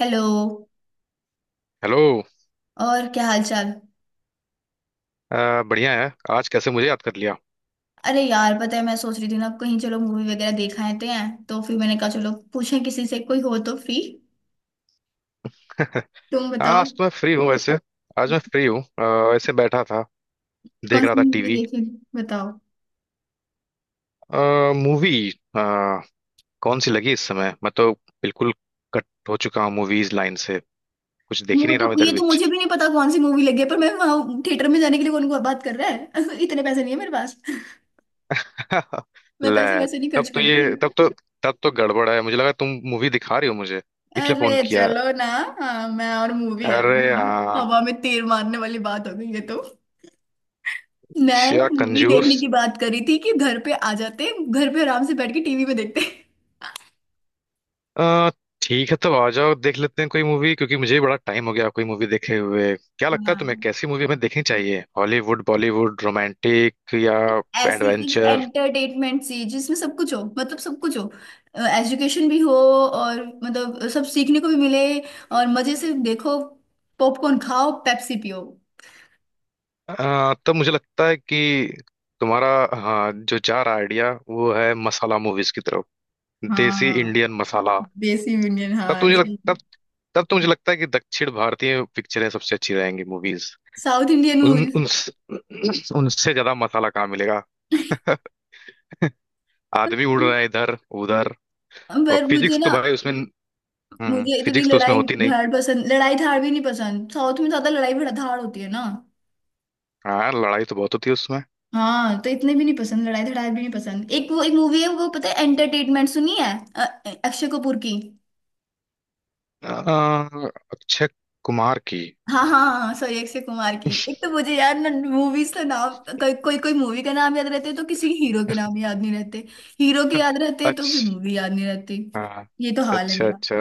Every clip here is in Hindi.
हेलो। हेलो। और क्या हाल चाल। बढ़िया है। आज कैसे मुझे याद कर लिया? अरे यार पता है मैं सोच रही थी ना कहीं चलो मूवी वगैरह देखा आते हैं। तो फिर मैंने कहा चलो पूछें किसी से कोई हो तो फ्री। तुम बताओ। आज तो मैं फ्री हूँ वैसे। आज मैं फ्री हूँ, ऐसे बैठा था, देख कौन रहा सी था मूवी टीवी। देखे, बताओ। मूवी कौन सी लगी इस समय? मैं तो बिल्कुल कट हो चुका हूँ मूवीज लाइन से, कुछ देख ही वो नहीं तो, रहा हूँ इधर ये तो बीच। मुझे भी नहीं पता कौन सी मूवी लगी है, पर मैं वहां थिएटर में जाने के लिए कौन को बात कर रहा है इतने पैसे नहीं है मेरे पास। मैं पैसे ले, वैसे नहीं तब खर्च तो करती। ये तब तो तब तो गड़बड़ है, मुझे लगा तुम मूवी दिखा रही हो मुझे, इसलिए फोन अरे किया। चलो ना। हाँ, मैं और मूवी है। अरे हाँ। हवा में तीर मारने वाली बात हो गई ये तो। मैं क्या मूवी कंजूस! देखने की बात करी थी कि घर पे आ जाते, घर पे आराम से बैठ के टीवी में देखते। अ, ठीक है, तब आ जाओ, देख लेते हैं कोई मूवी, क्योंकि मुझे भी बड़ा टाइम हो गया कोई मूवी देखे हुए। क्या लगता है तुम्हें, हाँ, कैसी मूवी हमें देखनी चाहिए? हॉलीवुड, बॉलीवुड, रोमांटिक या ऐसी कुछ एडवेंचर? एंटरटेनमेंट सी जिसमें सब कुछ हो, मतलब सब कुछ हो। एजुकेशन भी हो। और मतलब सब सीखने को भी मिले। और मजे से देखो। पॉपकॉर्न खाओ, पेप्सी पियो। तब मुझे लगता है कि तुम्हारा हाँ जो जा रहा आइडिया, वो है मसाला मूवीज की तरफ। देसी हाँ, इंडियन मसाला। देसी यूनियन, हाँ ऐसे ही। तब तब तो मुझे लगता है कि दक्षिण भारतीय पिक्चरें सबसे अच्छी रहेंगी, मूवीज। साउथ इंडियन उन मूवीज। उन उनसे ज्यादा मसाला कहाँ मिलेगा? आदमी उड़ रहे हैं इधर उधर। और पर मुझे फिजिक्स तो ना, भाई उसमें, हम्म, मुझे इतनी फिजिक्स तो उसमें लड़ाई होती नहीं। धाड़ पसंद, लड़ाई धाड़ भी नहीं पसंद, साउथ में ज्यादा लड़ाई धाड़ होती है ना। हाँ, लड़ाई तो बहुत होती है उसमें। हाँ तो इतने भी नहीं पसंद, लड़ाई धड़ाई भी नहीं पसंद। एक वो एक मूवी है, वो पता है एंटरटेनमेंट सुनी है। अक्षय कपूर की। अ, अक्षय कुमार की। हाँ हाँ हाँ, सॉरी अक्षय कुमार की। एक तो मुझे यार ना मूवीज का नाम कोई कोई कोई मूवी का नाम याद रहते हैं, तो किसी हीरो के नाम याद नहीं रहते। हीरो के याद रहते हैं तो फिर अच्छा। मूवी याद नहीं रहती। हाँ। ये तो हाल है अच्छा मेरा। अच्छा।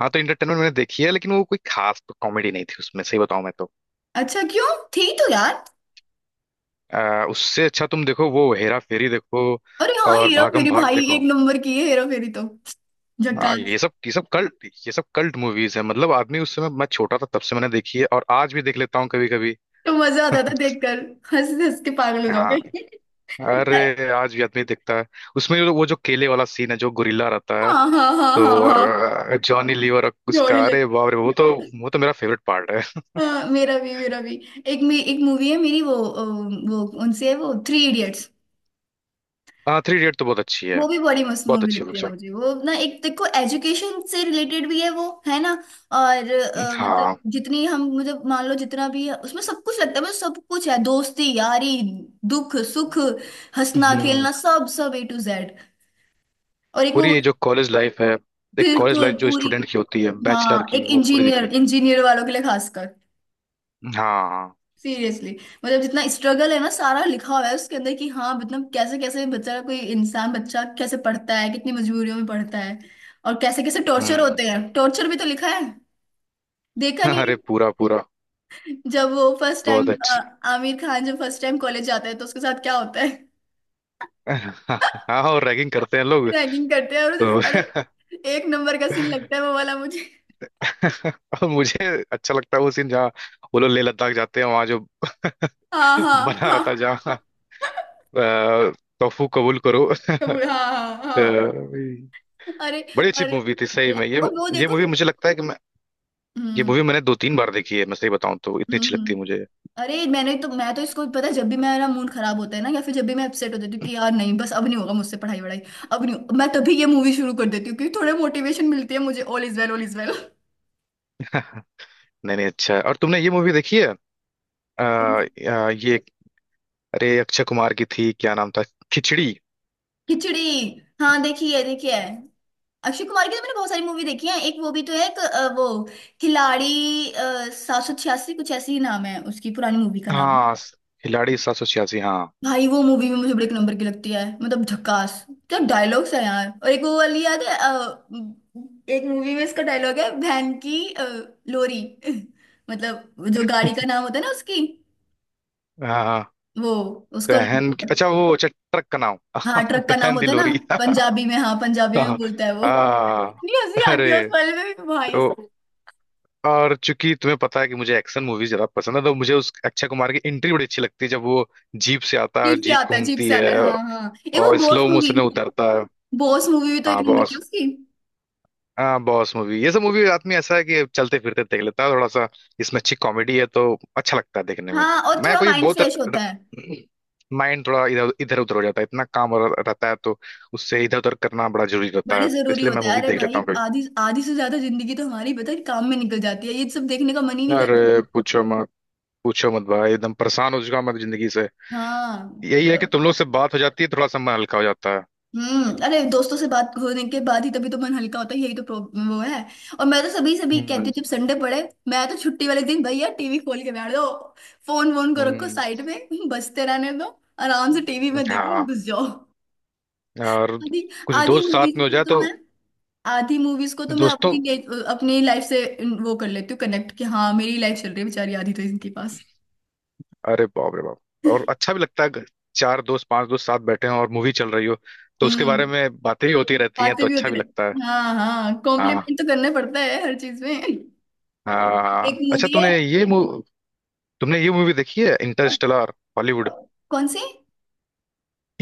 हाँ, तो इंटरटेनमेंट मैंने देखी है, लेकिन वो कोई खास तो कॉमेडी नहीं थी उसमें, सही बताऊं मैं तो। अच्छा क्यों, थी तो यार। उससे अच्छा तुम देखो वो हेरा फेरी देखो। अरे हाँ, और हीरो भागम फेरी भाग भाई एक देखो। नंबर की है, हेरा फेरी तो हाँ, ये झकास। सब ये सब कल्ट ये सब कल्ट मूवीज है, मतलब आदमी उस समय मैं छोटा था तब से मैंने देखी है, और आज भी देख लेता हूँ कभी कभी। तो मजा आता था देखकर, हंस हंस के पागल हो हाँ। जाओगे। अरे आज भी आदमी दिखता है, उसमें वो जो केले वाला सीन है, जो गोरिल्ला रहता है। हाँ हाँ हाँ तो हाँ और हाँ। जॉनी लीवर और जोड़ी। उसका, अरे बाप रे, वो तो, वो तो मेरा फेवरेट पार्ट है। हाँ, मेरा भी मेरा भी। एक मूवी है मेरी वो, वो कौन सी है, वो थ्री इडियट्स। हाँ, थ्री इडियट तो बहुत अच्छी है। वो भी बड़ी मस्त बहुत मूवी अच्छी लगती है पिक्चर। मुझे, वो ना, एक देखो एजुकेशन से रिलेटेड भी है वो, है ना। और हाँ। मतलब जितनी हम, मतलब मान लो जितना भी है उसमें सब कुछ लगता है, मतलब सब कुछ है, दोस्ती यारी, दुख सुख, हंसना हम्म। खेलना, सब सब ए टू जेड। और एक पूरी वो। ये जो कॉलेज लाइफ है, एक कॉलेज बिल्कुल लाइफ जो पूरी। स्टूडेंट की होती है, बैचलर हाँ, एक की, वो पूरी इंजीनियर दिखाई। इंजीनियर वालों के लिए खासकर। हाँ। सीरियसली। मतलब जितना स्ट्रगल है ना सारा लिखा हुआ है उसके अंदर, कि हाँ मतलब कैसे कैसे बच्चा, कोई इंसान बच्चा कैसे पढ़ता है, कितनी मजबूरियों में पढ़ता है। और कैसे कैसे टॉर्चर हम्म। होते हैं, टॉर्चर भी तो लिखा है, देखा नहीं। अरे पूरा पूरा, है जब वो फर्स्ट टाइम, बहुत अच्छा। आमिर खान जब फर्स्ट टाइम कॉलेज जाता है तो उसके साथ क्या होता है। हाँ, और रैगिंग करते हैं लोग। रैगिंग करते हैं और उसे तो अरे, एक नंबर का सीन लगता है वो वाला मुझे। और मुझे अच्छा लगता है वो सीन जहाँ वो लोग लेह लद्दाख जाते हैं, वहां जो हाँ हाँ बना रहा हाँ। था जहाँ, अ, तोफू कबूल करो। हाँ हाँ अ, हाँ। अरे। बड़ी अच्छी और मूवी थी सही में ये। और वो ये देखो। मूवी मुझे लगता है कि मैं ये हम्म मूवी मैंने दो तीन बार देखी है, मैं सही बताऊं तो, इतनी हम्म अच्छी लगती है हम्म। मुझे। अरे मैं तो इसको, पता है जब भी मेरा मूड खराब होता है ना, या फिर जब भी मैं अपसेट हो जाती हूँ कि यार नहीं, बस अब नहीं होगा मुझसे पढ़ाई वढ़ाई, अब नहीं हो- मैं तभी ये मूवी शुरू कर देती हूँ क्योंकि थोड़े मोटिवेशन मिलती है मुझे, all is well, all is well. नहीं नहीं, अच्छा है। और तुमने ये मूवी देखी है? आ, आ, ये, अरे अक्षय कुमार की थी, क्या नाम था, खिचड़ी। खिचड़ी। हाँ देखी है, देखी है। अक्षय कुमार की तो मैंने बहुत सारी मूवी देखी है। एक वो भी तो है, वो खिलाड़ी 786, कुछ ऐसी ही नाम है उसकी पुरानी मूवी का नाम। हाँ, खिलाड़ी सात सौ छियासी, हाँ। भाई वो मूवी भी मुझे बड़े एक नंबर की लगती है, मतलब झकास। क्या डायलॉग्स है यार। और एक वो वाली याद है, एक मूवी में इसका डायलॉग है, वैन की लोरी मतलब जो गाड़ी का नाम होता है ना उसकी। हाँ हाँ। वो, उसका, बहन की, अच्छा वो, अच्छा ट्रक का नाम। हाँ ट्रक का नाम बहन होता है ना, दिलोरी। पंजाबी में, हाँ पंजाबी में हाँ। बोलता है वो। हाँ। इतनी हंसी आती है उस अरे, वाले में भी भाई। तो, और चूंकि तुम्हें पता है कि मुझे एक्शन मूवीज ज्यादा पसंद है, तो मुझे उस अक्षय कुमार की एंट्री बड़ी अच्छी लगती है, जब वो जीप से आता है, जीप से जीप आता है, जीप घूमती से आता है, है, हाँ हाँ, एक वो और बॉस स्लो मूवी, मोशन में उतरता है। बॉस मूवी भी तो एक हाँ, नंबर की है बहुत। उसकी। हाँ, बॉस मूवी, ये सब मूवी रात में ऐसा है कि चलते फिरते देख लेता है थोड़ा सा। इसमें अच्छी कॉमेडी है तो अच्छा लगता है देखने में। हाँ, और मैं थोड़ा कोई माइंड बहुत फ्रेश होता है, माइंड थोड़ा इधर इधर उधर हो जाता है, इतना काम रहता है, तो उससे इधर उधर करना बड़ा जरूरी रहता बड़े है, तो जरूरी इसलिए मैं होता है। मूवी अरे देख लेता भाई हूँ कभी। आधी, आधी से ज्यादा जिंदगी तो हमारी पता है काम में निकल जाती है, ये सब देखने का मन ही नहीं करता। अरे पूछो मत, पूछो मत भाई, एकदम परेशान हो चुका हूं मैं जिंदगी से। हाँ। यही है कि तब- तुम लोग से बात हो जाती है, थोड़ा सा मन हल्का हो जाता है। हम्म, अरे दोस्तों से बात होने के बाद ही तभी तो मन हल्का होता है, यही तो प्रॉब्लम वो है। और मैं तो सभी सभी कहती हम्म। हूँ जब संडे पड़े, मैं तो छुट्टी वाले दिन भैया टीवी खोल के बैठ दो, फोन वोन को रखो हम्म। साइड में बजते रहने दो, आराम से टीवी में देखो, हाँ, घुस जाओ। और आधी, कुछ आधी दोस्त साथ मूवीज में हो जाए तो तो मैं, आधी मूवीज को तो मैं दोस्तों, अपनी लाइफ से वो कर लेती हूँ, कनेक्ट कि हाँ मेरी लाइफ चल रही है बेचारी, आधी तो इनके पास। अरे बाप रे बाप, और अच्छा भी लगता है अगर चार दोस्त, पांच दोस्त साथ बैठे हैं और मूवी चल रही हो, तो उसके बारे हम्म। में बातें ही होती रहती हैं, बातें तो भी अच्छा होती भी लगता है। रहती, हाँ हाँ, हाँ। कॉम्प्लीमेंट तो करना पड़ता है हर चीज में। एक हाँ, अच्छा, मूवी है, तुमने ये मूवी देखी है, इंटरस्टेलर? हॉलीवुड। कौन सी।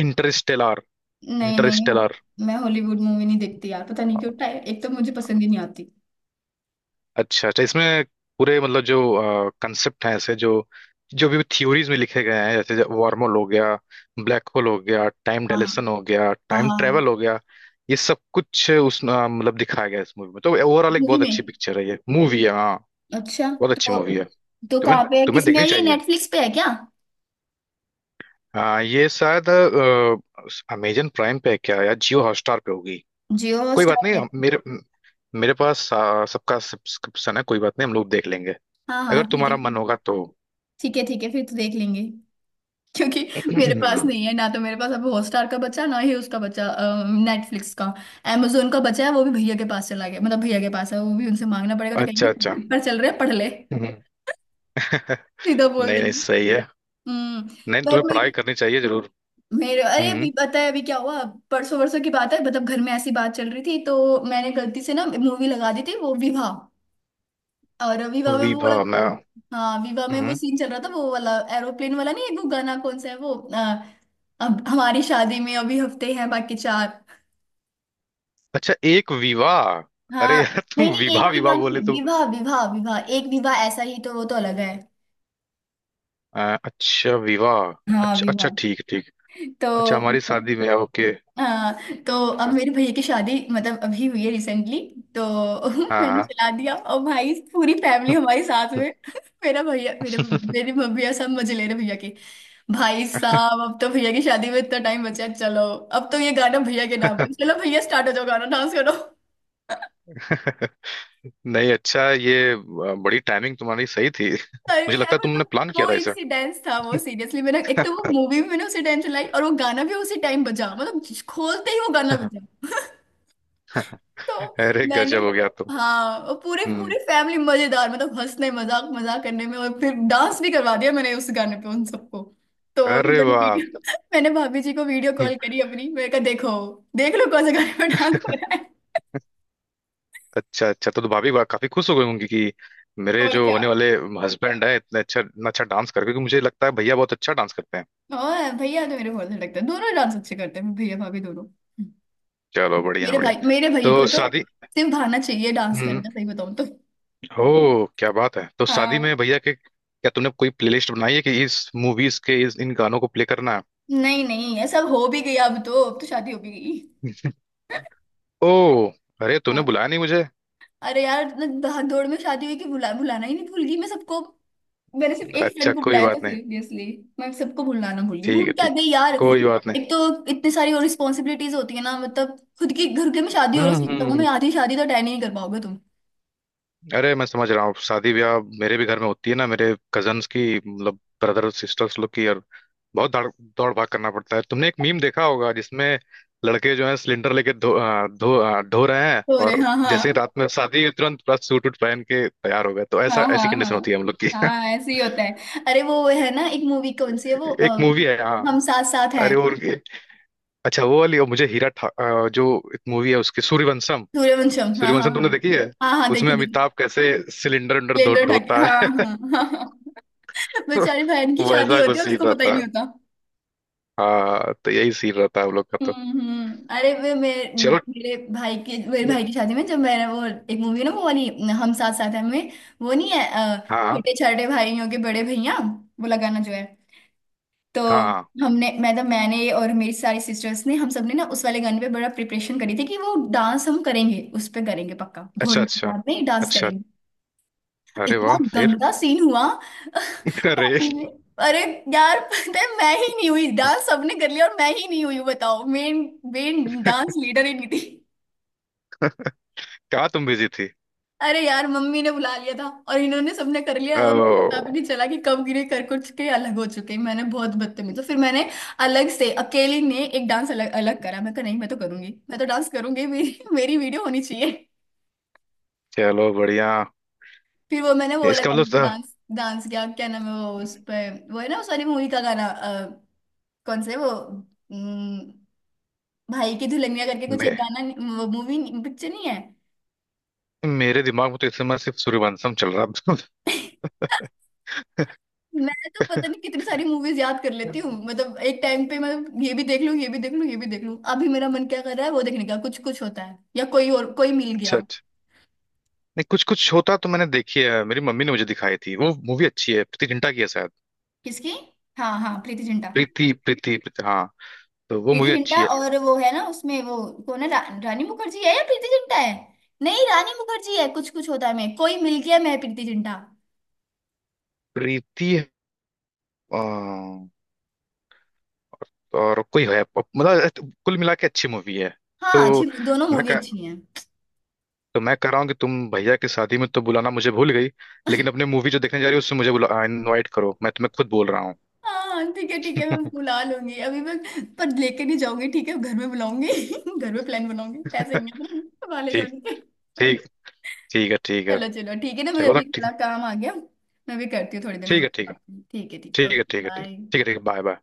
इंटरस्टेलर। नहीं नहीं इंटरस्टेलर, नहीं, मैं हॉलीवुड मूवी नहीं देखती यार, पता नहीं क्यों, एक तो मुझे पसंद ही नहीं आती। अच्छा अच्छा, इसमें पूरे मतलब जो कंसेप्ट हैं, ऐसे जो जो भी थ्योरीज में लिखे गए हैं, जैसे वार्म होल हो गया, ब्लैक होल हो गया, टाइम हाँ डायलेशन हो गया, हाँ टाइम हाँ। ट्रेवल हो गया, ये सब कुछ उस मतलब दिखाया गया है इस मूवी में, तो ओवरऑल एक मूवी बहुत में, अच्छी पिक्चर है, ये मूवी है। हाँ, अच्छा। बहुत अच्छी तो मूवी है, तो तुम्हें कहाँ पे है, तुम्हें किसमें देखनी है, ये चाहिए। नेटफ्लिक्स पे है क्या? हाँ, ये शायद अमेजन प्राइम पे है क्या, या जियो हॉटस्टार पे होगी। जियो कोई बात हॉटस्टार नहीं, पे। मेरे पास सबका सब्सक्रिप्शन है, कोई बात नहीं, हम लोग देख लेंगे हाँ हाँ अगर ठीक है तुम्हारा मन फिर। होगा तो। ठीक है फिर तो देख लेंगे, क्योंकि मेरे पास नहीं है ना, तो मेरे पास अब हॉटस्टार का बचा ना, ही उसका बचा, नेटफ्लिक्स का, amazon का बचा है, वो भी भैया के पास चला गया, मतलब भैया के पास है वो भी, उनसे मांगना पड़ेगा तो अच्छा कहेंगे अच्छा। पेपर चल रहे हैं पढ़ ले हम्म। सीधा बोल नहीं नहीं, देंगे। सही है। हम्म। नहीं, बट तुम्हें मैं पढ़ाई करनी चाहिए जरूर। मेरे अरे अभी हम्म। पता है अभी क्या हुआ। परसों वरसों की बात है, मतलब घर में ऐसी बात चल रही थी, तो मैंने गलती से ना मूवी लगा दी थी वो विवाह। और विवाह में वो वाला, विभा, मैं, हाँ विवाह में वो हम्म, सीन चल रहा था, वो वाला एरोप्लेन वाला, नहीं है, वो गाना कौन सा है वो, अब हमारी शादी में अभी हफ्ते हैं बाकी चार। अच्छा, एक विवाह, हाँ, अरे यार नहीं तुम नहीं, एक विवाह विवाह विवाह नहीं, बोले तुम, विवाह विवाह विवाह, एक विवाह ऐसा ही तो, वो तो अलग है। अ, अच्छा विवाह। हाँ अच्छा अच्छा, विवाह। ठीक ठीक। अच्छा, तो, हमारी शादी में, ओके। हाँ। तो अब मेरे भैया की शादी मतलब अभी हुई है रिसेंटली। तो हाँ मैंने हाँ। चला दिया और भाई पूरी फैमिली हमारे साथ में मेरा भैया, मेरे मेरे मम्मी और सब मजे ले रहे भैया के, भाई साहब अब तो भैया की शादी में इतना टाइम बचा है, चलो अब तो ये गाना भैया के नाम पे, चलो भैया स्टार्ट हो जाओ, गाना डांस करो। नहीं अच्छा ये बड़ी टाइमिंग तुम्हारी सही थी। मुझे टाइमिंग लगता यार, है तुमने मतलब प्लान किया वो था इसे। इंसिडेंस था वो, सीरियसली मैंने, एक तो वो मूवी भी मैंने उसी टाइम चलाई और वो गाना भी उसी टाइम बजा, मतलब खोलते ही वो गाना बजा। तो अरे मैंने, गजब हो गया तुम। हाँ और पूरे, हम्म। पूरे फैमिली मजेदार, मतलब हंसने मजाक, मजाक करने में, और फिर डांस भी करवा दिया मैंने उस गाने पे उन सबको। तो फिर अरे मैंने वाह। वीडियो मैंने भाभी जी को वीडियो कॉल करी अपनी, मैंने कहा देखो, देख लो कौन से गाने पे डांस हो रहा है। अच्छा अच्छा, तो भाभी काफी खुश हो गई होंगी कि मेरे और जो क्या। होने वाले हस्बैंड है, इतने अच्छा, इतना अच्छा डांस करके, क्योंकि मुझे लगता है भैया बहुत अच्छा डांस करते हैं। और भैया तो मेरे बहुत अच्छा लगता है, दोनों डांस अच्छे करते हैं, भैया भाभी दोनों। चलो बढ़िया मेरे बढ़िया। भाई मेरे भाई को तो तो शादी, सिर्फ भाना चाहिए डांस हम्म, करना, सही बताऊं तो। हो, क्या बात है, तो शादी हाँ में भैया के क्या तूने कोई प्लेलिस्ट बनाई है कि इस मूवीज के, इस इन गानों को प्ले करना नहीं नहीं, ये सब हो भी गया अब तो, अब तो शादी हो भी गई। है? ओ, अरे तूने हाँ बुलाया नहीं मुझे। अरे यार, भाग दौड़ में शादी हुई कि भुला भुलाना ही नहीं, भूल गई मैं सबको। मैंने सिर्फ एक अच्छा फ्रेंड को कोई बुलाया था बात नहीं, सीरियसली। मैं सबको भुलाना भूल गई, ठीक है भूल क्या ठीक, गई यार। कोई बात नहीं। एक तो इतनी सारी और रिस्पॉन्सिबिलिटीज होती है ना, मतलब खुद के घर के में शादी हो रहा है, हम्म। सही बताऊं हम्म। मैं आधी शादी तो अटेंड ही नहीं कर पाओगे तुम, अरे मैं समझ रहा हूँ, शादी ब्याह मेरे भी घर में होती है ना, मेरे कजन्स की, मतलब ब्रदर सिस्टर्स लोग की, और बहुत दौड़ दौड़ भाग करना पड़ता है। तुमने एक मीम देखा होगा जिसमें लड़के जो है सिलेंडर लेके ढो रहे हैं, हो रहे, और हाँ जैसे ही हाँ रात में शादी है, तुरंत पूरा सूट वूट पहन के तैयार हो गए, तो ऐसा, हाँ ऐसी हाँ कंडीशन हाँ होती है हम लोग की। हाँ, ऐसे ही होता है। अरे वो है ना एक मूवी कौन सी है वो, एक मूवी है हाँ, हम साथ साथ हैं। अरे वो उनकी- अच्छा वो वाली, और मुझे जो एक मूवी है उसकी, सूर्यवंशम। सूर्यवंशम, हाँ हाँ सूर्यवंशम हाँ तुमने देखी है? हाँ। हाँ उसमें देखिए देखिए। अमिताभ कैसे सिलेंडर उलेंडर स्प्लेंडर ठाके, धोता हाँ है। हाँ हाँ हाँ। बेचारे बहन की वो शादी ऐसा कुछ होती है और सीन उसको पता ही रहता है, नहीं होता। हाँ, तो यही सीन रहता है हम लोग का तो। हम्म। अरे वे मेरे, चलो। मेरे भाई के, मेरे भाई की शादी में जब मैंने वो, एक मूवी है ना वो वाली, हम साथ साथ हैं में, वो नहीं है, अ, हाँ छोटे छोटे भाइयों के बड़े भैया वो लगाना जो है। तो हाँ हाँ। हमने मतलब मैंने और मेरी सारी सिस्टर्स ने, हम सब ने ना उस वाले गाने पे बड़ा प्रिपरेशन करी थी कि वो डांस हम करेंगे, उस पे करेंगे पक्का अच्छा घोड़ी की अच्छा डाल में डांस अच्छा। करेंगे। अरे इतना वाह, फिर। गंदा सीन हुआ अरे। शादी में। अरे यार पता है, मैं ही नहीं हुई, डांस सबने कर लिया और मैं ही नहीं हुई हूँ, बताओ मेन, मेन डांस लीडर ही नहीं थी। कहाँ, तुम बिजी थी? अरे यार मम्मी ने बुला लिया था और इन्होंने सबने कर लिया, और पता भी ओ, नहीं चला कि कब गिरे कर कुछ के अलग हो चुके, मैंने बहुत बदतमीज। तो फिर मैंने अलग से अकेली ने एक डांस अलग अलग करा, मैं कहा नहीं मैं तो करूंगी, मैं तो डांस करूंगी, मेरी, मेरी वीडियो होनी चाहिए। चलो बढ़िया। फिर वो मैंने वो वाला इसका मतलब गाना था, डांस, डांस किया, क्या नाम है वो, उस पर वो है ना उस वाली मूवी का गाना, कौन से वो, भाई की दुल्हनिया करके कुछ एक मैं गाना। वो मूवी पिक्चर नहीं, वो movie नहीं- picture नहीं है। मेरे दिमाग में तो इस समय सिर्फ सूर्यवंशम चल रहा है। मैं तो पता नहीं कितनी सारी मूवीज याद कर लेती हूँ, मतलब एक टाइम पे मैं ये भी देख लूँ, ये भी देख लूँ, ये भी देख लूँ। अभी मेरा मन क्या कर रहा है वो देखने का, कुछ कुछ होता है या कोई और कोई मिल अच्छा गया। अच्छा। नहीं, कुछ कुछ होता तो मैंने देखी है, मेरी मम्मी ने मुझे दिखाई थी, वो मूवी अच्छी है, प्रीति जिंटा की है शायद। किसकी, हाँ हाँ प्रीति जिंटा। प्रीति प्रीति प्रीति, हाँ, तो वो प्रीति मूवी अच्छी जिंटा है। और वो है ना उसमें वो कौन है, रानी मुखर्जी है या प्रीति जिंटा है। नहीं रानी मुखर्जी है कुछ कुछ होता है, मैं कोई मिल गया मैं प्रीति जिंटा। प्रीति, अ, और कोई है, मतलब कुल मिला के अच्छी मूवी है। हाँ अच्छी, तो दोनों मैं मूवी कह अच्छी हैं। तो मैं कह रहा हूँ कि तुम भैया की शादी में तो बुलाना मुझे भूल गई, लेकिन अपने मूवी जो देखने जा रही हो उसमें मुझे बुला, इनवाइट करो, मैं तुम्हें खुद बोल रहा हूँ। हाँ ठीक है मैं बुला लूंगी। अभी मैं पर लेके नहीं जाऊंगी, ठीक है घर में बुलाऊंगी। घर में प्लान बनाऊंगी, पैसे नहीं है वाले ठीक, जाने के। ठीक, ठीक है, ठीक है। चलो चलो ठीक है ना, मुझे चलो तो अभी थोड़ा ठीक, काम आ गया। मैं भी करती हूँ थोड़ी देर में ठीक है, ठीक है, बात करती हूँ। ठीक है ठीक है, ठीक है, ओके ठीक है, ठीक बाय। है, ठीक है, बाय बाय।